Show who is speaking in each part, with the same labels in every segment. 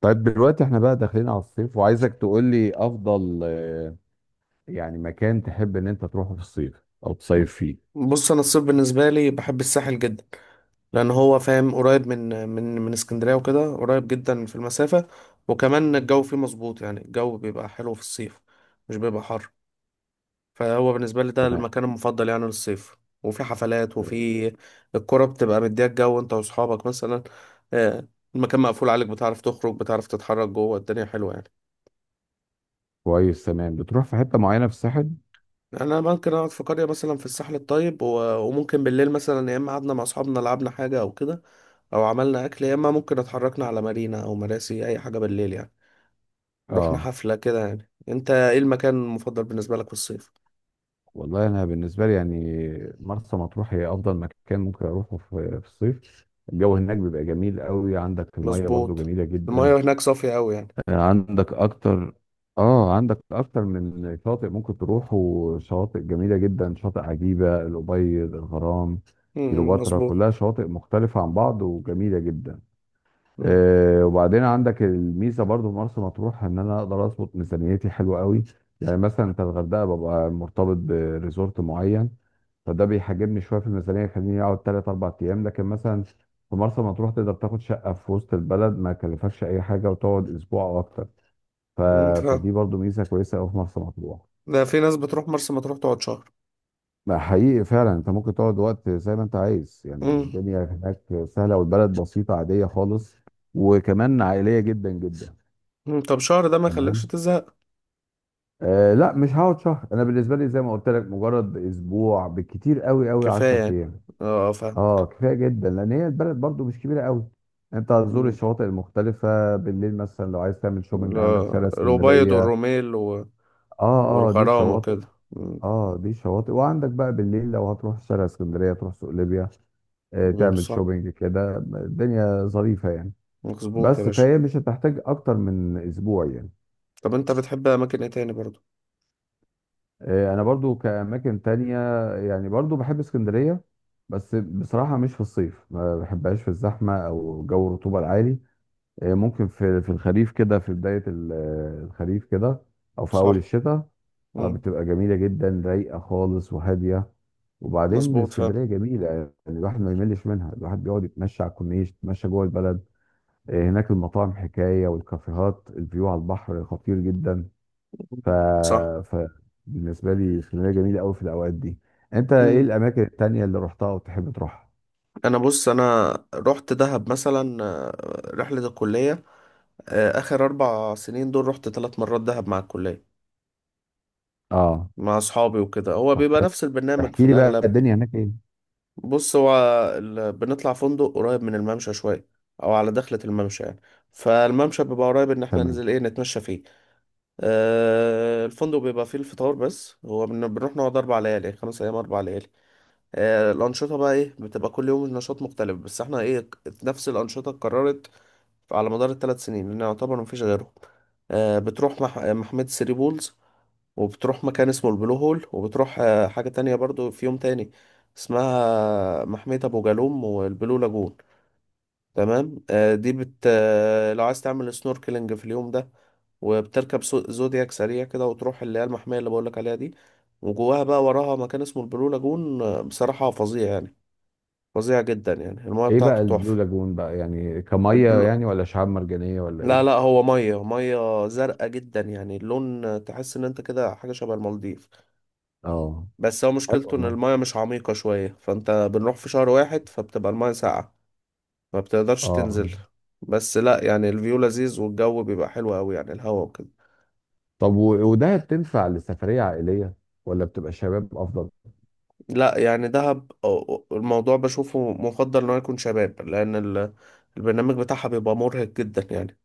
Speaker 1: طيب دلوقتي احنا بقى داخلين على الصيف وعايزك تقول لي افضل يعني مكان تحب ان انت تروحه في الصيف او تصيف فيه.
Speaker 2: بص، انا الصيف بالنسبه لي بحب الساحل جدا. لان هو فاهم قريب من اسكندريه وكده، قريب جدا في المسافه. وكمان الجو فيه مظبوط، يعني الجو بيبقى حلو في الصيف، مش بيبقى حر. فهو بالنسبه لي ده
Speaker 1: تمام.
Speaker 2: المكان المفضل يعني للصيف. وفي حفلات، وفي الكرة بتبقى مديها الجو انت واصحابك مثلا. آه، المكان مقفول عليك، بتعرف تخرج، بتعرف تتحرك جوه، الدنيا حلوه يعني.
Speaker 1: كويس، تمام. بتروح في حتة معينة في الساحل؟
Speaker 2: انا ممكن اقعد في قريه مثلا في الساحل الطيب، وممكن بالليل مثلا يا اما قعدنا مع اصحابنا، لعبنا حاجه او كده، او عملنا اكل، يا اما ممكن اتحركنا على مارينا او مراسي اي حاجه بالليل يعني، رحنا
Speaker 1: اه،
Speaker 2: حفله كده يعني. انت ايه المكان المفضل بالنسبه لك في الصيف؟
Speaker 1: والله انا بالنسبة لي يعني مرسى مطروح هي افضل مكان ممكن اروحه في الصيف. الجو هناك بيبقى جميل قوي، عندك المية برضو
Speaker 2: مظبوط.
Speaker 1: جميلة جدا.
Speaker 2: المايه هناك صافيه قوي يعني.
Speaker 1: عندك اكتر اه عندك اكتر من شاطئ ممكن تروحوا شواطئ جميله جدا، شاطئ عجيبه، الابيض، الغرام،
Speaker 2: امم،
Speaker 1: كيلوباترا،
Speaker 2: مظبوط.
Speaker 1: كلها شواطئ مختلفه عن بعض وجميله جدا.
Speaker 2: امم.
Speaker 1: وبعدين عندك الميزه برضو في مرسى مطروح ان انا اقدر اظبط ميزانيتي حلوه قوي. يعني مثلا انت الغردقه ببقى مرتبط بريزورت معين، فده بيحجمني شويه في الميزانيه، يخليني اقعد 3 4 ايام. لكن مثلا في مرسى مطروح تقدر تاخد شقه في وسط البلد، ما يكلفكش اي حاجه وتقعد اسبوع او اكتر. ف...
Speaker 2: أمم، فاهم.
Speaker 1: فدي برضو ميزه كويسه قوي في مرسى مطروح.
Speaker 2: ده في ناس بتروح مرسى مطروح تقعد شهر.
Speaker 1: لا، حقيقي فعلا انت ممكن تقعد وقت زي ما انت عايز، يعني
Speaker 2: امم.
Speaker 1: الدنيا هناك سهله والبلد بسيطه عاديه خالص، وكمان عائليه جدا جدا.
Speaker 2: أمم، طب شهر ده ما يخليكش
Speaker 1: تمام.
Speaker 2: تزهق؟
Speaker 1: لا، مش هقعد شهر. انا بالنسبه لي زي ما قلت لك مجرد اسبوع، بالكتير قوي قوي
Speaker 2: كفايه
Speaker 1: 10
Speaker 2: يعني.
Speaker 1: ايام.
Speaker 2: اه، فاهم.
Speaker 1: اه، كفايه جدا، لان هي البلد برضو مش كبيره قوي. انت هتزور
Speaker 2: أمم.
Speaker 1: الشواطئ المختلفه، بالليل مثلا لو عايز تعمل شوبنج عندك
Speaker 2: لا.
Speaker 1: شارع
Speaker 2: الأبيض
Speaker 1: اسكندريه.
Speaker 2: والروميل
Speaker 1: اه، اه، دي
Speaker 2: والغرام
Speaker 1: الشواطئ.
Speaker 2: وكده. أمم.
Speaker 1: اه، دي شواطئ. وعندك بقى بالليل لو هتروح شارع اسكندريه تروح سوق ليبيا.
Speaker 2: أمم،
Speaker 1: تعمل
Speaker 2: صح.
Speaker 1: شوبينج كده الدنيا ظريفه يعني.
Speaker 2: مظبوط يا
Speaker 1: بس
Speaker 2: باشا.
Speaker 1: فهي مش هتحتاج اكتر من اسبوع يعني.
Speaker 2: طب انت بتحب اماكن ايه تاني برضو؟
Speaker 1: انا برضو كاماكن تانية، يعني برضو بحب اسكندرية. بس بصراحة مش في الصيف، ما بحبهاش في الزحمة او جو الرطوبة العالي. ممكن في الخريف كده، في بداية الخريف كده، أو في أول
Speaker 2: صح.
Speaker 1: الشتاء.
Speaker 2: إمم.
Speaker 1: بتبقى جميلة جدا، رايقة خالص وهادية. وبعدين
Speaker 2: مظبوط فعلا.
Speaker 1: اسكندرية جميلة يعني. الواحد ما يملش منها. الواحد بيقعد يتمشى على الكورنيش، يتمشى جوه البلد. هناك المطاعم حكاية، والكافيهات الفيو على البحر خطير جدا. ف...
Speaker 2: مم. صح.
Speaker 1: ف بالنسبة لي اسكندرية جميلة أوي في الأوقات دي. أنت إيه
Speaker 2: مم.
Speaker 1: الأماكن التانية اللي رحتها وتحب تروحها؟
Speaker 2: انا بص، انا رحت دهب مثلا، رحلة الكلية. اخر اربع سنين دول رحت ثلاث مرات دهب مع الكلية،
Speaker 1: آه،
Speaker 2: مع اصحابي وكده. هو
Speaker 1: طب
Speaker 2: بيبقى
Speaker 1: حلو.
Speaker 2: نفس البرنامج في
Speaker 1: احكي لي بقى
Speaker 2: الاغلب.
Speaker 1: الدنيا هناك إيه؟
Speaker 2: بص، هو بنطلع فندق قريب من الممشى شوية، او على دخلة الممشى يعني. فالممشى بيبقى قريب، ان احنا
Speaker 1: تمام.
Speaker 2: ننزل ايه، نتمشى فيه. الفندق بيبقى فيه الفطار بس. هو بنروح نقعد اربع ليالي، خمس ايام اربع ليالي. الأنشطة بقى إيه، بتبقى كل يوم نشاط مختلف، بس إحنا إيه، نفس الأنشطة اتكررت على مدار الثلاث سنين، لأن يعتبر مفيش غيرهم. بتروح مح... آه، محمية ثري بولز، وبتروح مكان اسمه البلو هول، وبتروح حاجة تانية برضو في يوم تاني اسمها محمية أبو جالوم والبلو لاجون. تمام. دي بت آه، لو عايز تعمل سنوركلينج في اليوم ده، وبتركب زودياك سريع كده، وتروح اللي هي المحمية اللي بقولك عليها دي. وجواها بقى، وراها، مكان اسمه البلو لاجون. بصراحة فظيع يعني، فظيع جدا يعني. المايه
Speaker 1: ايه
Speaker 2: بتاعته
Speaker 1: بقى البلو
Speaker 2: تحفة.
Speaker 1: لاجون بقى؟ يعني كميه
Speaker 2: البلو...
Speaker 1: يعني، ولا شعاب مرجانيه ولا
Speaker 2: لا
Speaker 1: ايه؟
Speaker 2: لا، هو ميه ميه زرقاء جدا يعني، اللون تحس ان انت كده حاجة شبه المالديف.
Speaker 1: اه،
Speaker 2: بس هو
Speaker 1: حلو
Speaker 2: مشكلته ان
Speaker 1: والله.
Speaker 2: المايه مش عميقة شوية، فانت بنروح في شهر واحد، فبتبقى المايه ساقعة، ما بتقدرش
Speaker 1: اه،
Speaker 2: تنزل. بس لا يعني، الفيو لذيذ والجو بيبقى حلو قوي يعني، الهوا وكده.
Speaker 1: طب وده بتنفع لسفريه عائليه، ولا بتبقى شباب افضل؟
Speaker 2: لا يعني دهب الموضوع بشوفه مفضل ان هو يكون شباب، لان البرنامج بتاعها بيبقى مرهق جدا يعني.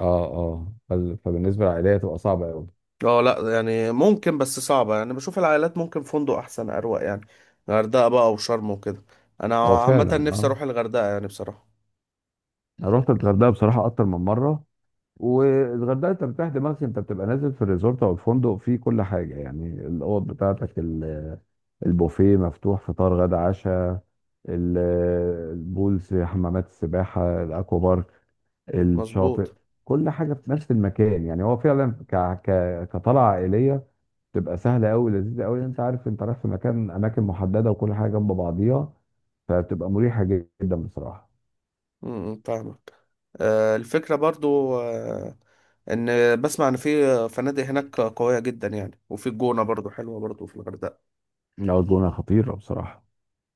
Speaker 1: اه، اه، فبالنسبه للعائليه تبقى صعبه قوي.
Speaker 2: اه لا، يعني ممكن، بس صعبة يعني. بشوف العائلات ممكن فندق أحسن أروق يعني، غردقة بقى أو شرم وكده.
Speaker 1: هو
Speaker 2: أنا عامة
Speaker 1: فعلا،
Speaker 2: نفسي
Speaker 1: اه.
Speaker 2: أروح الغردقة يعني بصراحة.
Speaker 1: انا رحت الغردقه بصراحه اكتر من مره. والغردقه انت بتريح دماغك، انت بتبقى نازل في الريزورت او الفندق فيه كل حاجه، يعني الاوض بتاعتك، البوفيه مفتوح فطار غدا عشاء، ال- البولز، حمامات السباحه، الاكوا بارك، الشاطئ.
Speaker 2: مظبوط.
Speaker 1: كل حاجه في نفس المكان، يعني هو فعلا كطلعه عائليه تبقى سهله قوي، لذيذه قوي. انت عارف انت رايح في مكان، اماكن محدده، وكل حاجه جنب بعضيها، فبتبقى مريحه جدا بصراحه.
Speaker 2: امم، فاهمك. الفكرة برضو إن بسمع إن في فنادق هناك قوية جدا يعني. وفي الجونة برضو حلوة برضو، في الغردقة.
Speaker 1: لا، الجونه خطيره بصراجه.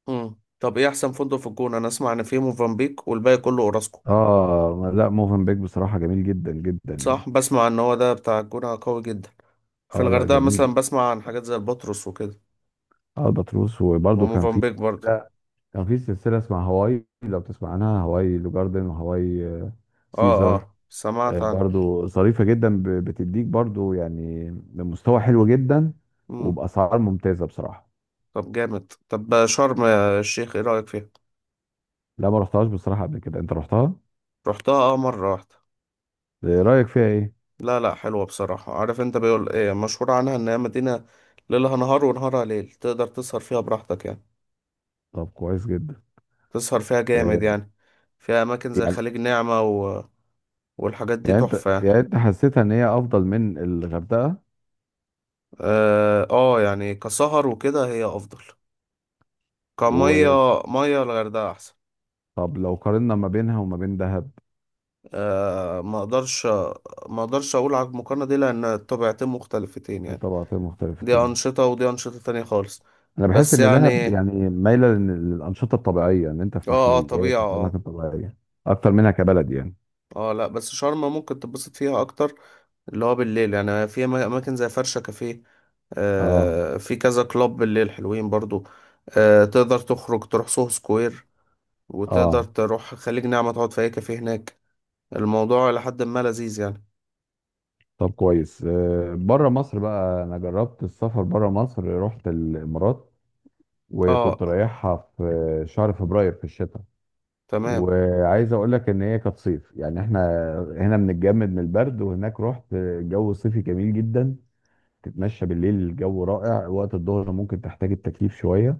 Speaker 2: امم. طب إيه أحسن فندق في الجونة؟ أنا أسمع إن في موفنبيك، والباقي كله أوراسكو.
Speaker 1: اه، لا، موفنبيك بصراحه جميل جدا جدا يعني.
Speaker 2: صح، بسمع إن هو ده بتاع الجونة قوي جدا. في
Speaker 1: اه، لا،
Speaker 2: الغردقة
Speaker 1: جميل.
Speaker 2: مثلا بسمع عن حاجات زي البطرس وكده،
Speaker 1: اه، البطروس وبرده كان في.
Speaker 2: وموفنبيك برضو.
Speaker 1: لا، كان في سلسله اسمها هواي لو، تسمع عنها، هواي لو جاردن وهواي
Speaker 2: اه
Speaker 1: سيزر.
Speaker 2: اه، سمعت عنه.
Speaker 1: برضو ظريفة جدا، بتديك برضو يعني بمستوى حلو جدا
Speaker 2: مم.
Speaker 1: وبأسعار ممتازة بصراحة.
Speaker 2: طب جامد. طب شرم يا الشيخ، ايه رأيك فيها؟
Speaker 1: لا، ما رحتهاش بصراحة قبل كده. انت رحتها؟
Speaker 2: رحتها، اه، مرة واحدة.
Speaker 1: رأيك فيها ايه؟
Speaker 2: لا لا، حلوة بصراحة. عارف انت بيقول ايه، مشهور عنها ان هي مدينة ليلها نهار ونهارها ليل، تقدر تسهر فيها براحتك يعني.
Speaker 1: طب كويس جدا.
Speaker 2: تسهر فيها جامد
Speaker 1: آه،
Speaker 2: يعني، فيها اماكن زي
Speaker 1: يعني
Speaker 2: خليج نعمة والحاجات دي
Speaker 1: يعني انت
Speaker 2: تحفة يعني.
Speaker 1: يعني انت حسيتها ان هي افضل من الغردقة؟
Speaker 2: اه، يعني كسهر وكده هي افضل. كمية
Speaker 1: وطب
Speaker 2: مية الغردقة احسن.
Speaker 1: لو قارنا ما بينها وما بين دهب؟
Speaker 2: آه، ما اقدرش. ما اقدرش اقول على المقارنة دي، لان طبيعتين مختلفتين يعني.
Speaker 1: طبقتين
Speaker 2: دي
Speaker 1: مختلفتين.
Speaker 2: أنشطة ودي أنشطة تانية خالص.
Speaker 1: انا بحس
Speaker 2: بس
Speaker 1: ان دهب
Speaker 2: يعني،
Speaker 1: يعني مايلة للأنشطة الطبيعية، ان انت في
Speaker 2: اه اه،
Speaker 1: محميات
Speaker 2: طبيعة،
Speaker 1: وفي اماكن
Speaker 2: اه.
Speaker 1: طبيعية اكتر منها كبلد يعني.
Speaker 2: اه لا، بس شرم ممكن تتبسط فيها أكتر، اللي هو بالليل يعني، في أماكن زي فرشة كافيه.
Speaker 1: اه،
Speaker 2: في كذا كلاب بالليل حلوين برضو. تقدر تخرج تروح سوهو سكوير، وتقدر
Speaker 1: اه،
Speaker 2: تروح خليج نعمة تقعد في أي كافيه هناك. الموضوع إلى حد ما لذيذ يعني.
Speaker 1: طب كويس. بره مصر بقى، انا جربت السفر بره مصر، رحت الامارات
Speaker 2: اه.
Speaker 1: وكنت رايحها في شهر فبراير في الشتاء.
Speaker 2: تمام.
Speaker 1: وعايز اقول لك ان هي كانت صيف، يعني احنا هنا بنتجمد من البرد، وهناك رحت الجو صيفي جميل جدا. تتمشى بالليل الجو رائع، وقت الظهر ممكن تحتاج التكييف شويه.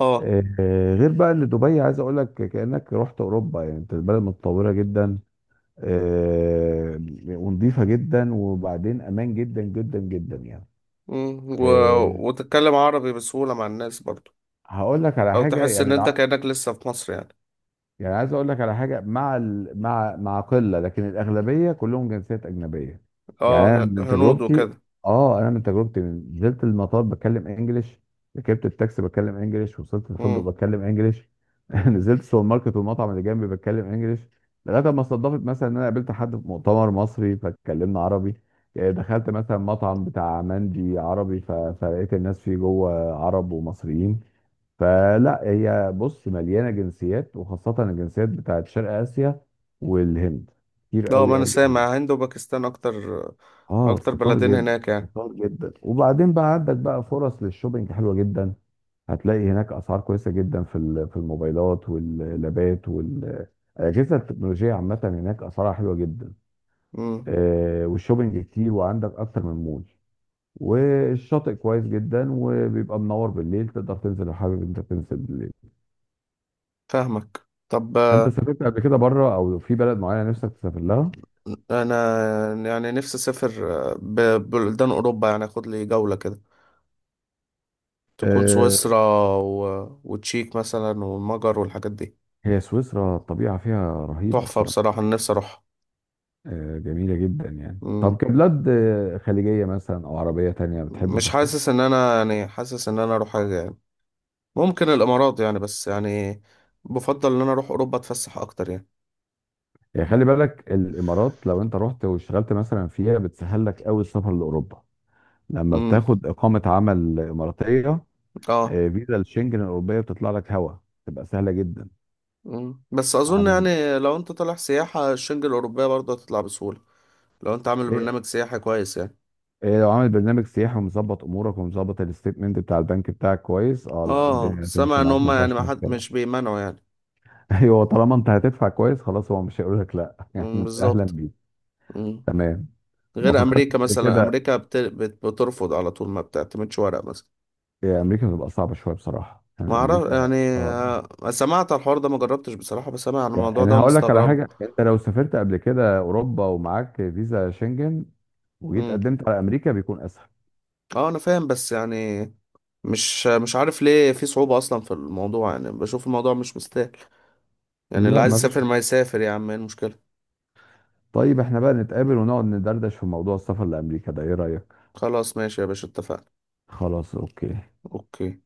Speaker 2: اه.
Speaker 1: آه، غير بقى ان دبي عايز اقول لك كانك رحت اوروبا، يعني انت البلد متطوره جدا. آه، ونظيفه جدا، وبعدين امان جدا جدا جدا يعني.
Speaker 2: مم،
Speaker 1: إيه،
Speaker 2: وتتكلم عربي بسهولة مع الناس برضو.
Speaker 1: هقول لك على
Speaker 2: أو
Speaker 1: حاجه،
Speaker 2: تحس
Speaker 1: يعني
Speaker 2: إن أنت كأنك لسه في مصر يعني.
Speaker 1: يعني عايز اقول لك على حاجه مع مع قله، لكن الاغلبيه كلهم جنسيات اجنبيه. يعني
Speaker 2: اه،
Speaker 1: انا من
Speaker 2: هنود
Speaker 1: تجربتي
Speaker 2: وكده.
Speaker 1: اه انا من تجربتي، نزلت المطار بتكلم انجليش، ركبت التاكسي بتكلم انجليش، وصلت الفندق
Speaker 2: امم.
Speaker 1: بتكلم انجليش. نزلت السوبر ماركت والمطعم اللي جنبي بتكلم انجليش، لغايه ما صدفت مثلا ان انا قابلت حد في مؤتمر مصري فاتكلمنا عربي. دخلت مثلا مطعم بتاع مندي عربي، فلقيت الناس فيه جوه عرب ومصريين. فلا، هي بص مليانه جنسيات، وخاصه الجنسيات بتاعت شرق اسيا والهند، كتير
Speaker 2: ده ما
Speaker 1: قوي
Speaker 2: انا
Speaker 1: قوي قوي.
Speaker 2: سامع هند وباكستان اكتر،
Speaker 1: اه،
Speaker 2: اكتر
Speaker 1: كتار
Speaker 2: بلدين
Speaker 1: جدا.
Speaker 2: هناك يعني.
Speaker 1: كتار جدا. وبعدين بقى عندك بقى فرص للشوبينج حلوه جدا. هتلاقي هناك اسعار كويسه جدا في الموبايلات واللابات وال الاجهزه التكنولوجيه عامه، هناك اسعارها حلوه جدا.
Speaker 2: امم،
Speaker 1: والشوبينج كتير، وعندك اكتر من مول. والشاطئ كويس جدا وبيبقى منور بالليل، تقدر تنزل لو حابب انت تنزل.
Speaker 2: فاهمك. طب،
Speaker 1: انت سافرت قبل كده بره، او في بلد معينه نفسك تسافر لها؟
Speaker 2: انا يعني نفسي اسافر ببلدان اوروبا يعني، اخد لي جولة كده. تكون
Speaker 1: آه،
Speaker 2: سويسرا وتشيك مثلا، والمجر، والحاجات دي.
Speaker 1: هي سويسرا الطبيعه فيها رهيبه
Speaker 2: تحفة
Speaker 1: بصراحه.
Speaker 2: بصراحة، انا نفسي اروح.
Speaker 1: جميله جدا يعني. طب
Speaker 2: امم.
Speaker 1: كبلاد خليجيه مثلا او عربيه تانية بتحب
Speaker 2: مش
Speaker 1: تروح فين؟
Speaker 2: حاسس ان انا يعني، حاسس ان انا اروح حاجة يعني، ممكن الامارات يعني. بس يعني بفضل ان انا اروح اوروبا اتفسح اكتر يعني.
Speaker 1: يعني خلي بالك، الامارات لو انت رحت واشتغلت مثلا فيها بتسهل لك قوي السفر لاوروبا، لما
Speaker 2: امم.
Speaker 1: بتاخد اقامه عمل اماراتيه.
Speaker 2: اه.
Speaker 1: فيزا الشنجن الاوروبيه بتطلع لك هوا، تبقى سهله جدا.
Speaker 2: مم. بس اظن
Speaker 1: عن
Speaker 2: يعني لو انت طالع سياحة، الشنجة الاوروبية برضه هتطلع بسهولة، لو انت عامل
Speaker 1: إيه-
Speaker 2: برنامج سياحي كويس يعني.
Speaker 1: إيه لو عامل برنامج سياحي ومظبط امورك ومظبط الستيتمنت بتاع البنك بتاعك كويس، اه، لا،
Speaker 2: اه،
Speaker 1: الدنيا هتمشي
Speaker 2: سامع ان
Speaker 1: معاك
Speaker 2: هم
Speaker 1: ما
Speaker 2: يعني
Speaker 1: فيهاش
Speaker 2: ما حد، مش
Speaker 1: مشكله.
Speaker 2: بيمنعوا يعني.
Speaker 1: ايوه، طالما انت هتدفع كويس خلاص، هو مش هيقول لك لا. يعني
Speaker 2: مم،
Speaker 1: انت اهلا
Speaker 2: بالظبط.
Speaker 1: بيك.
Speaker 2: مم.
Speaker 1: تمام. ما
Speaker 2: غير
Speaker 1: فكرتش
Speaker 2: امريكا
Speaker 1: قبل
Speaker 2: مثلا،
Speaker 1: كده.
Speaker 2: امريكا بترفض على طول، ما بتعتمدش ورق مثلا.
Speaker 1: امريكا بتبقى صعبه شويه بصراحه،
Speaker 2: ما
Speaker 1: يعني
Speaker 2: اعرف
Speaker 1: امريكا.
Speaker 2: يعني،
Speaker 1: اه،
Speaker 2: سمعت على الحوار ده، ما جربتش بصراحة، بس سامع عن
Speaker 1: يعني
Speaker 2: الموضوع ده
Speaker 1: انا هقول لك على
Speaker 2: ومستغربه.
Speaker 1: حاجه، انت لو سافرت قبل كده اوروبا ومعاك فيزا شنجن وجيت
Speaker 2: مم.
Speaker 1: قدمت على امريكا بيكون اسهل.
Speaker 2: اه انا فاهم، بس يعني مش مش عارف ليه في صعوبة اصلا في الموضوع. يعني بشوف الموضوع مش مستاهل يعني، اللي
Speaker 1: لا،
Speaker 2: عايز
Speaker 1: ما فيش.
Speaker 2: يسافر ما يسافر يا عم، ايه المشكلة؟
Speaker 1: طيب، احنا بقى نتقابل ونقعد ندردش في موضوع السفر لامريكا ده، ايه رايك؟
Speaker 2: خلاص، ماشي يا باشا، اتفقنا.
Speaker 1: خلاص، اوكي.
Speaker 2: اوكي.